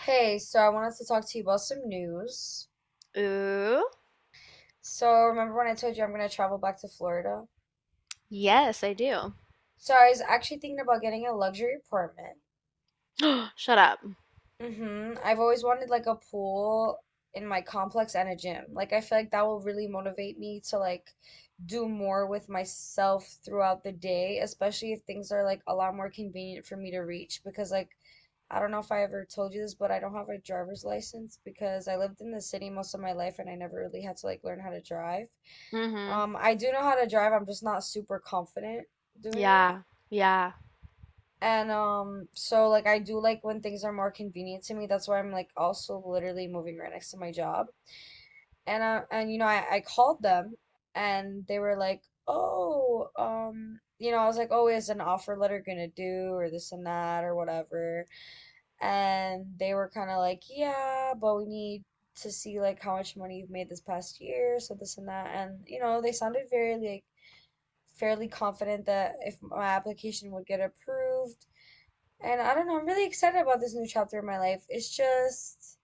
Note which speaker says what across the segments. Speaker 1: Hey, so I wanted to talk to you about some news.
Speaker 2: Ooh.
Speaker 1: So, remember when I told you I'm gonna travel back to Florida?
Speaker 2: Yes, I do.
Speaker 1: So, I was actually thinking about getting a luxury apartment.
Speaker 2: Shut up.
Speaker 1: Mm-hmm. I've always wanted like a pool in my complex and a gym. Like, I feel like that will really motivate me to like do more with myself throughout the day, especially if things are like a lot more convenient for me to reach. Because, like, I don't know if I ever told you this, but I don't have a driver's license because I lived in the city most of my life and I never really had to like learn how to drive.
Speaker 2: Mm-hmm.
Speaker 1: I do know how to drive, I'm just not super confident doing it.
Speaker 2: Yeah. Yeah.
Speaker 1: And so like I do like when things are more convenient to me. That's why I'm like also literally moving right next to my job. And you know, I called them and they were like, "Oh, you know, I was like, "Oh, is an offer letter gonna do or this and that or whatever." And they were kind of like, "Yeah, but we need to see like how much money you've made this past year, so this and that." And you know, they sounded very like fairly confident that if my application would get approved. And I don't know, I'm really excited about this new chapter in my life. It's just,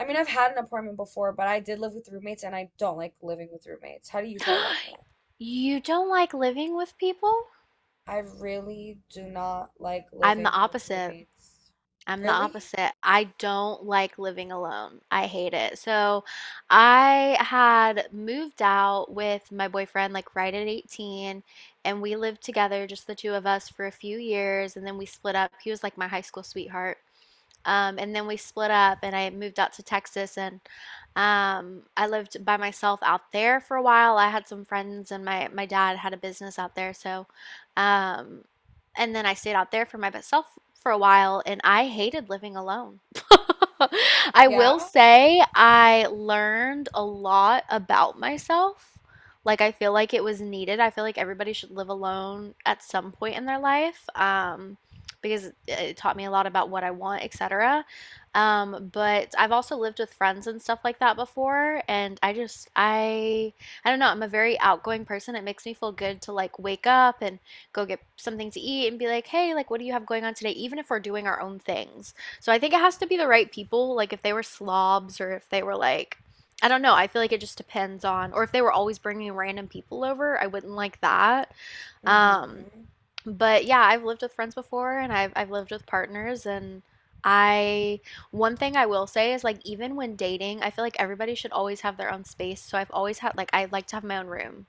Speaker 1: I mean, I've had an apartment before, but I did live with roommates and I don't like living with roommates. How do you feel about that?
Speaker 2: You don't like living with people?
Speaker 1: I really do not like
Speaker 2: I'm the
Speaker 1: living with
Speaker 2: opposite.
Speaker 1: roommates.
Speaker 2: I'm the
Speaker 1: Really?
Speaker 2: opposite. I don't like living alone. I hate it. So I had moved out with my boyfriend like right at 18, and we lived together just the two of us for a few years, and then we split up. He was like my high school sweetheart. And then we split up, and I moved out to Texas, and I lived by myself out there for a while. I had some friends, and my dad had a business out there, so um, and then I stayed out there for myself for a while, and I hated living alone. I will
Speaker 1: Yeah?
Speaker 2: say I learned a lot about myself. Like, I feel like it was needed. I feel like everybody should live alone at some point in their life. Because it- taught me a lot about what I want, etc. But I've also lived with friends and stuff like that before, and I don't know, I'm a very outgoing person. It makes me feel good to like wake up and go get something to eat and be like, hey, like, what do you have going on today? Even if we're doing our own things. So I think it has to be the right people. Like, if they were slobs or if they were like, I don't know. I feel like it just depends on, or if they were always bringing random people over, I wouldn't like that. Um,
Speaker 1: Mm-hmm.
Speaker 2: but yeah, I've lived with friends before and I've lived with partners, and I, one thing I will say is like, even when dating, I feel like everybody should always have their own space. So I've always had, like, I like to have my own room.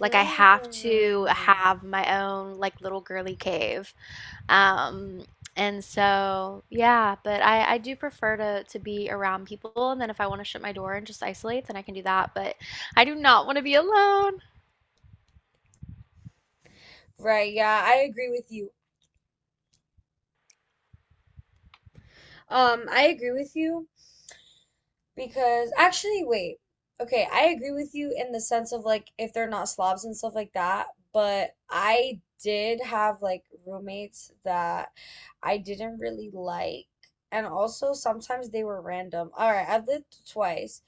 Speaker 2: Like, I have to have my own like little girly cave. Um, and so yeah, but I do prefer to be around people, and then if I want to shut my door and just isolate, then I can do that, but I do not want to be alone.
Speaker 1: Right, yeah, I agree with you. I agree with you. Because actually, wait. Okay, I agree with you in the sense of like if they're not slobs and stuff like that, but I did have like roommates that I didn't really like. And also sometimes they were random. All right, I've lived twice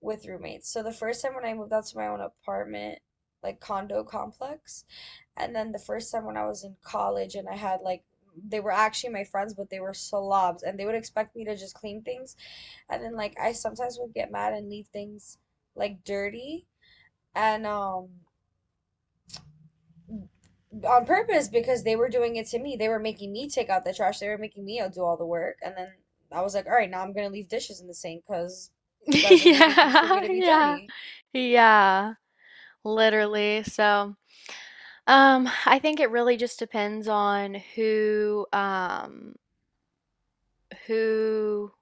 Speaker 1: with roommates. So the first time when I moved out to my own apartment, like condo complex, and then the first time when I was in college and I had like they were actually my friends, but they were slobs and they would expect me to just clean things and then like I sometimes would get mad and leave things like dirty and on purpose because they were doing it to me. They were making me take out the trash. They were making me do all the work. And then I was like, all right, now I'm gonna leave dishes in the sink because you guys are leaving things for me
Speaker 2: Yeah,
Speaker 1: to be
Speaker 2: yeah.
Speaker 1: dirty.
Speaker 2: Yeah, literally. I think it really just depends on who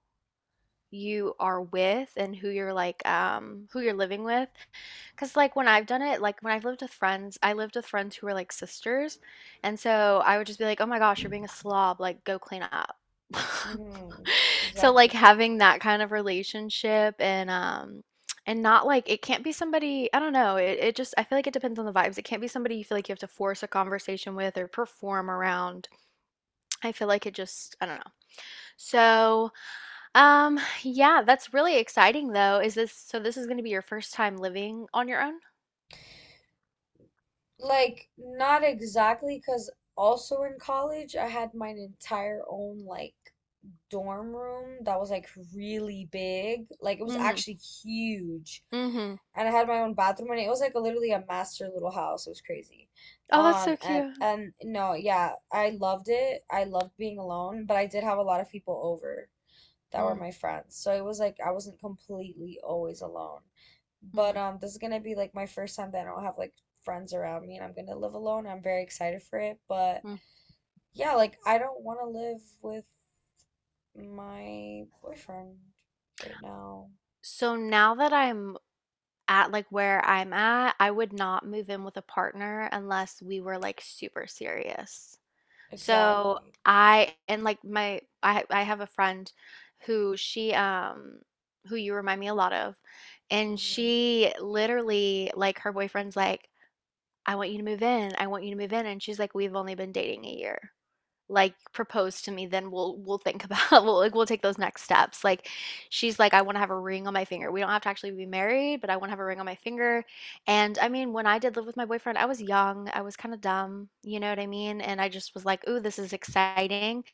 Speaker 2: you are with and who you're like who you're living with, because like when I've done it, like when I've lived with friends, I lived with friends who were like sisters, and so I would just be like, oh my gosh, you're being a slob, like go clean up.
Speaker 1: Mhm.
Speaker 2: So like
Speaker 1: Exactly.
Speaker 2: having that kind of relationship, and not like it can't be somebody, I don't know, it just I feel like it depends on the vibes. It can't be somebody you feel like you have to force a conversation with or perform around. I feel like it just, I don't know. so yeah, that's really exciting though. Is this so this is gonna be your first time living on your own?
Speaker 1: Like not exactly because also in college I had my entire own like dorm room that was like really big. Like it was
Speaker 2: Mhm.
Speaker 1: actually huge.
Speaker 2: Mhm.
Speaker 1: And I had my own bathroom and it was like a, literally a master little house. It was crazy.
Speaker 2: Oh, that's
Speaker 1: Um
Speaker 2: so
Speaker 1: and
Speaker 2: cute.
Speaker 1: and no, yeah, I loved it. I loved being alone, but I did have a lot of people over that were
Speaker 2: Mhm.
Speaker 1: my friends. So it was like I wasn't completely always alone. But
Speaker 2: Mhm.
Speaker 1: um this is gonna be like my first time that I don't have like friends around me and I'm gonna live alone. I'm very excited for it, but
Speaker 2: Mm.
Speaker 1: yeah, like I don't want to live with my boyfriend right now.
Speaker 2: So now that I'm at like where I'm at, I would not move in with a partner unless we were like super serious. So
Speaker 1: Exactly.
Speaker 2: I and like my I have a friend who she who you remind me a lot of, and
Speaker 1: Hmm.
Speaker 2: she literally like her boyfriend's like, I want you to move in. I want you to move in. And she's like, we've only been dating a year. Like, propose to me, then we'll think about we'll take those next steps. Like, she's like, I want to have a ring on my finger. We don't have to actually be married, but I want to have a ring on my finger. And I mean, when I did live with my boyfriend, I was young, I was kind of dumb, you know what I mean? And I just was like, ooh, this is exciting.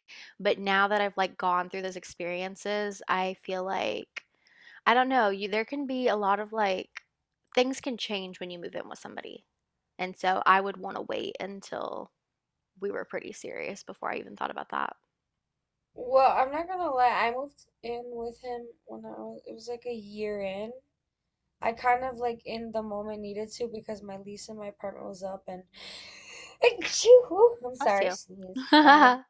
Speaker 2: But now that I've like gone through those experiences, I feel like I don't know, you there can be a lot of, like, things can change when you move in with somebody, and so I would wanna wait until we were pretty serious before I even thought about that.
Speaker 1: Well, I'm not gonna lie, I moved in with him when I was, it was like a year in. I kind of like in the moment needed to because my lease in my apartment was up and Achoo! I'm
Speaker 2: Bless
Speaker 1: sorry,
Speaker 2: you.
Speaker 1: sneezed.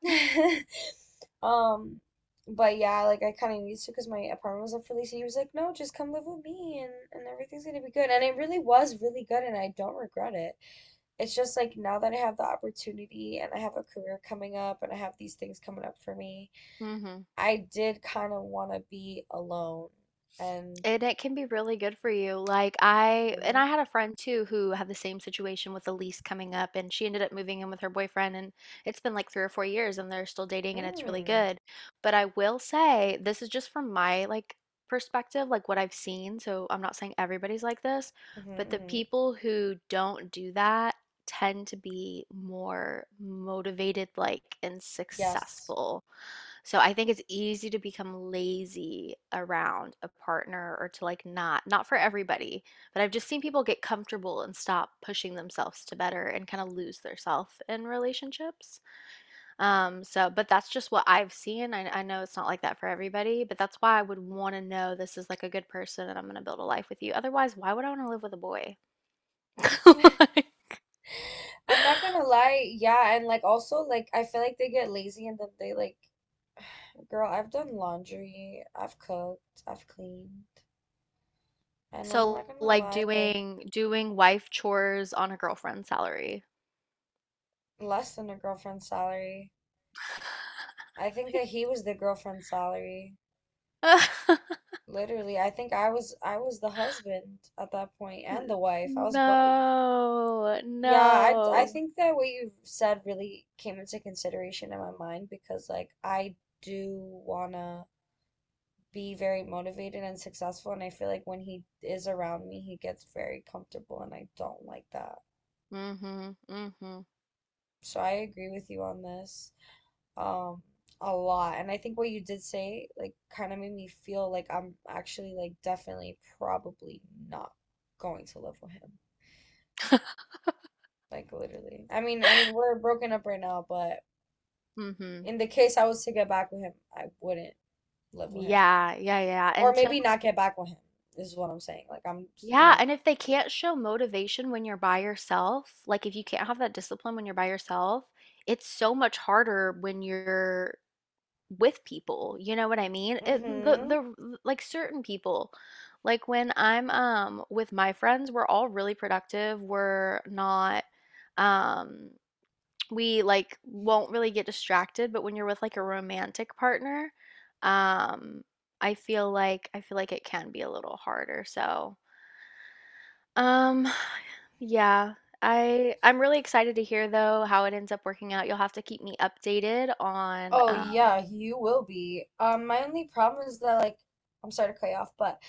Speaker 1: um, but yeah, like I kind of needed to because my apartment was up for lease and he was like, no, just come live with me, and everything's gonna be good. And it really was really good and I don't regret it. It's just like now that I have the opportunity and I have a career coming up and I have these things coming up for me.
Speaker 2: Mhm.
Speaker 1: I did kind of want to be alone and
Speaker 2: And it can be really good for you. Like I and
Speaker 1: Mhm.
Speaker 2: I had a friend too who had the same situation with a lease coming up, and she ended up moving in with her boyfriend, and it's been like 3 or 4 years and they're still dating and it's really
Speaker 1: Mm.
Speaker 2: good. But I will say this is just from my like perspective, like what I've seen. So I'm not saying everybody's like this, but
Speaker 1: Hmm.
Speaker 2: the
Speaker 1: Hmm.
Speaker 2: people who don't do that tend to be more motivated like and
Speaker 1: Yes.
Speaker 2: successful. So I think it's easy to become lazy around a partner or to like not, not for everybody, but I've just seen people get comfortable and stop pushing themselves to better and kind of lose their self in relationships. So, but that's just what I've seen. I know it's not like that for everybody, but that's why I would want to know this is like a good person and I'm going to build a life with you. Otherwise, why would I want to live with a boy? Like,
Speaker 1: I'm not gonna lie, yeah, and like also like I feel like they get lazy and then they like, girl, I've done laundry, I've cooked, I've cleaned, and I'm not
Speaker 2: so
Speaker 1: gonna
Speaker 2: like
Speaker 1: lie, like
Speaker 2: doing wife chores on a girlfriend's salary.
Speaker 1: less than a girlfriend's salary. I think that he was the girlfriend's salary. Literally, I think I was the husband at that point and
Speaker 2: N
Speaker 1: the wife. I was both.
Speaker 2: No,
Speaker 1: Yeah, I
Speaker 2: no.
Speaker 1: think that what you've said really came into consideration in my mind because like I do wanna be very motivated and successful and I feel like when he is around me he gets very comfortable and I don't like that.
Speaker 2: Mhm, mhm,
Speaker 1: So I agree with you on this um a lot and I think what you did say like kind of made me feel like I'm actually like definitely probably not going to live with him. Like literally. I mean we're broken up right now, but
Speaker 2: mhm.
Speaker 1: in the case I was to get back with him, I wouldn't live with him.
Speaker 2: Yeah, yeah, yeah,
Speaker 1: Or
Speaker 2: until
Speaker 1: maybe not get back with him, is what I'm saying. Like I'm, you
Speaker 2: yeah,
Speaker 1: know.
Speaker 2: and if they can't show motivation when you're by yourself, like, if you can't have that discipline when you're by yourself, it's so much harder when you're with people, you know what I mean? It the
Speaker 1: Mm-hmm.
Speaker 2: the like, certain people, like, when I'm, with my friends, we're all really productive, we're not, um we like won't really get distracted, but when you're with like a romantic partner, um, I feel like it can be a little harder. So, um, yeah, I'm really excited to hear though how it ends up working out. You'll have to keep me updated on
Speaker 1: Oh yeah, you will be. My only problem is that like I'm sorry to cut you off, but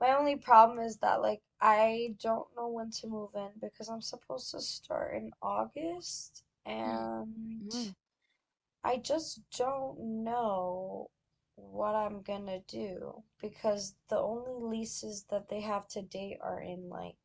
Speaker 1: my only problem is that like I don't know when to move in because I'm supposed to start in August and
Speaker 2: Mhm.
Speaker 1: I just don't know what I'm gonna do because the only leases that they have to date are in like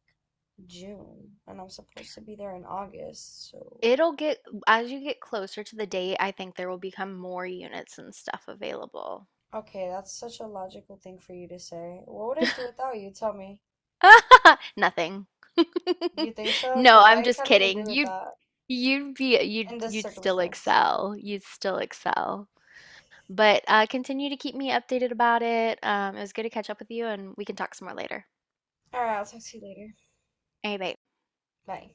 Speaker 1: June and I'm supposed to be there in August. So,
Speaker 2: It'll get as you get closer to the date, I think there will become more units and stuff available.
Speaker 1: okay, that's such a logical thing for you to say. What would I do without you? Tell me.
Speaker 2: Nothing.
Speaker 1: You think so?
Speaker 2: No,
Speaker 1: Because
Speaker 2: I'm
Speaker 1: I
Speaker 2: just
Speaker 1: kind of agree
Speaker 2: kidding.
Speaker 1: with
Speaker 2: You
Speaker 1: that
Speaker 2: You'd be you'd
Speaker 1: in this
Speaker 2: you'd still
Speaker 1: circumstance.
Speaker 2: excel, you'd still excel. But, continue to keep me updated about it, it was good to catch up with you, and we can talk some more later.
Speaker 1: All right, I'll talk to you later.
Speaker 2: Hey, bye.
Speaker 1: Bye.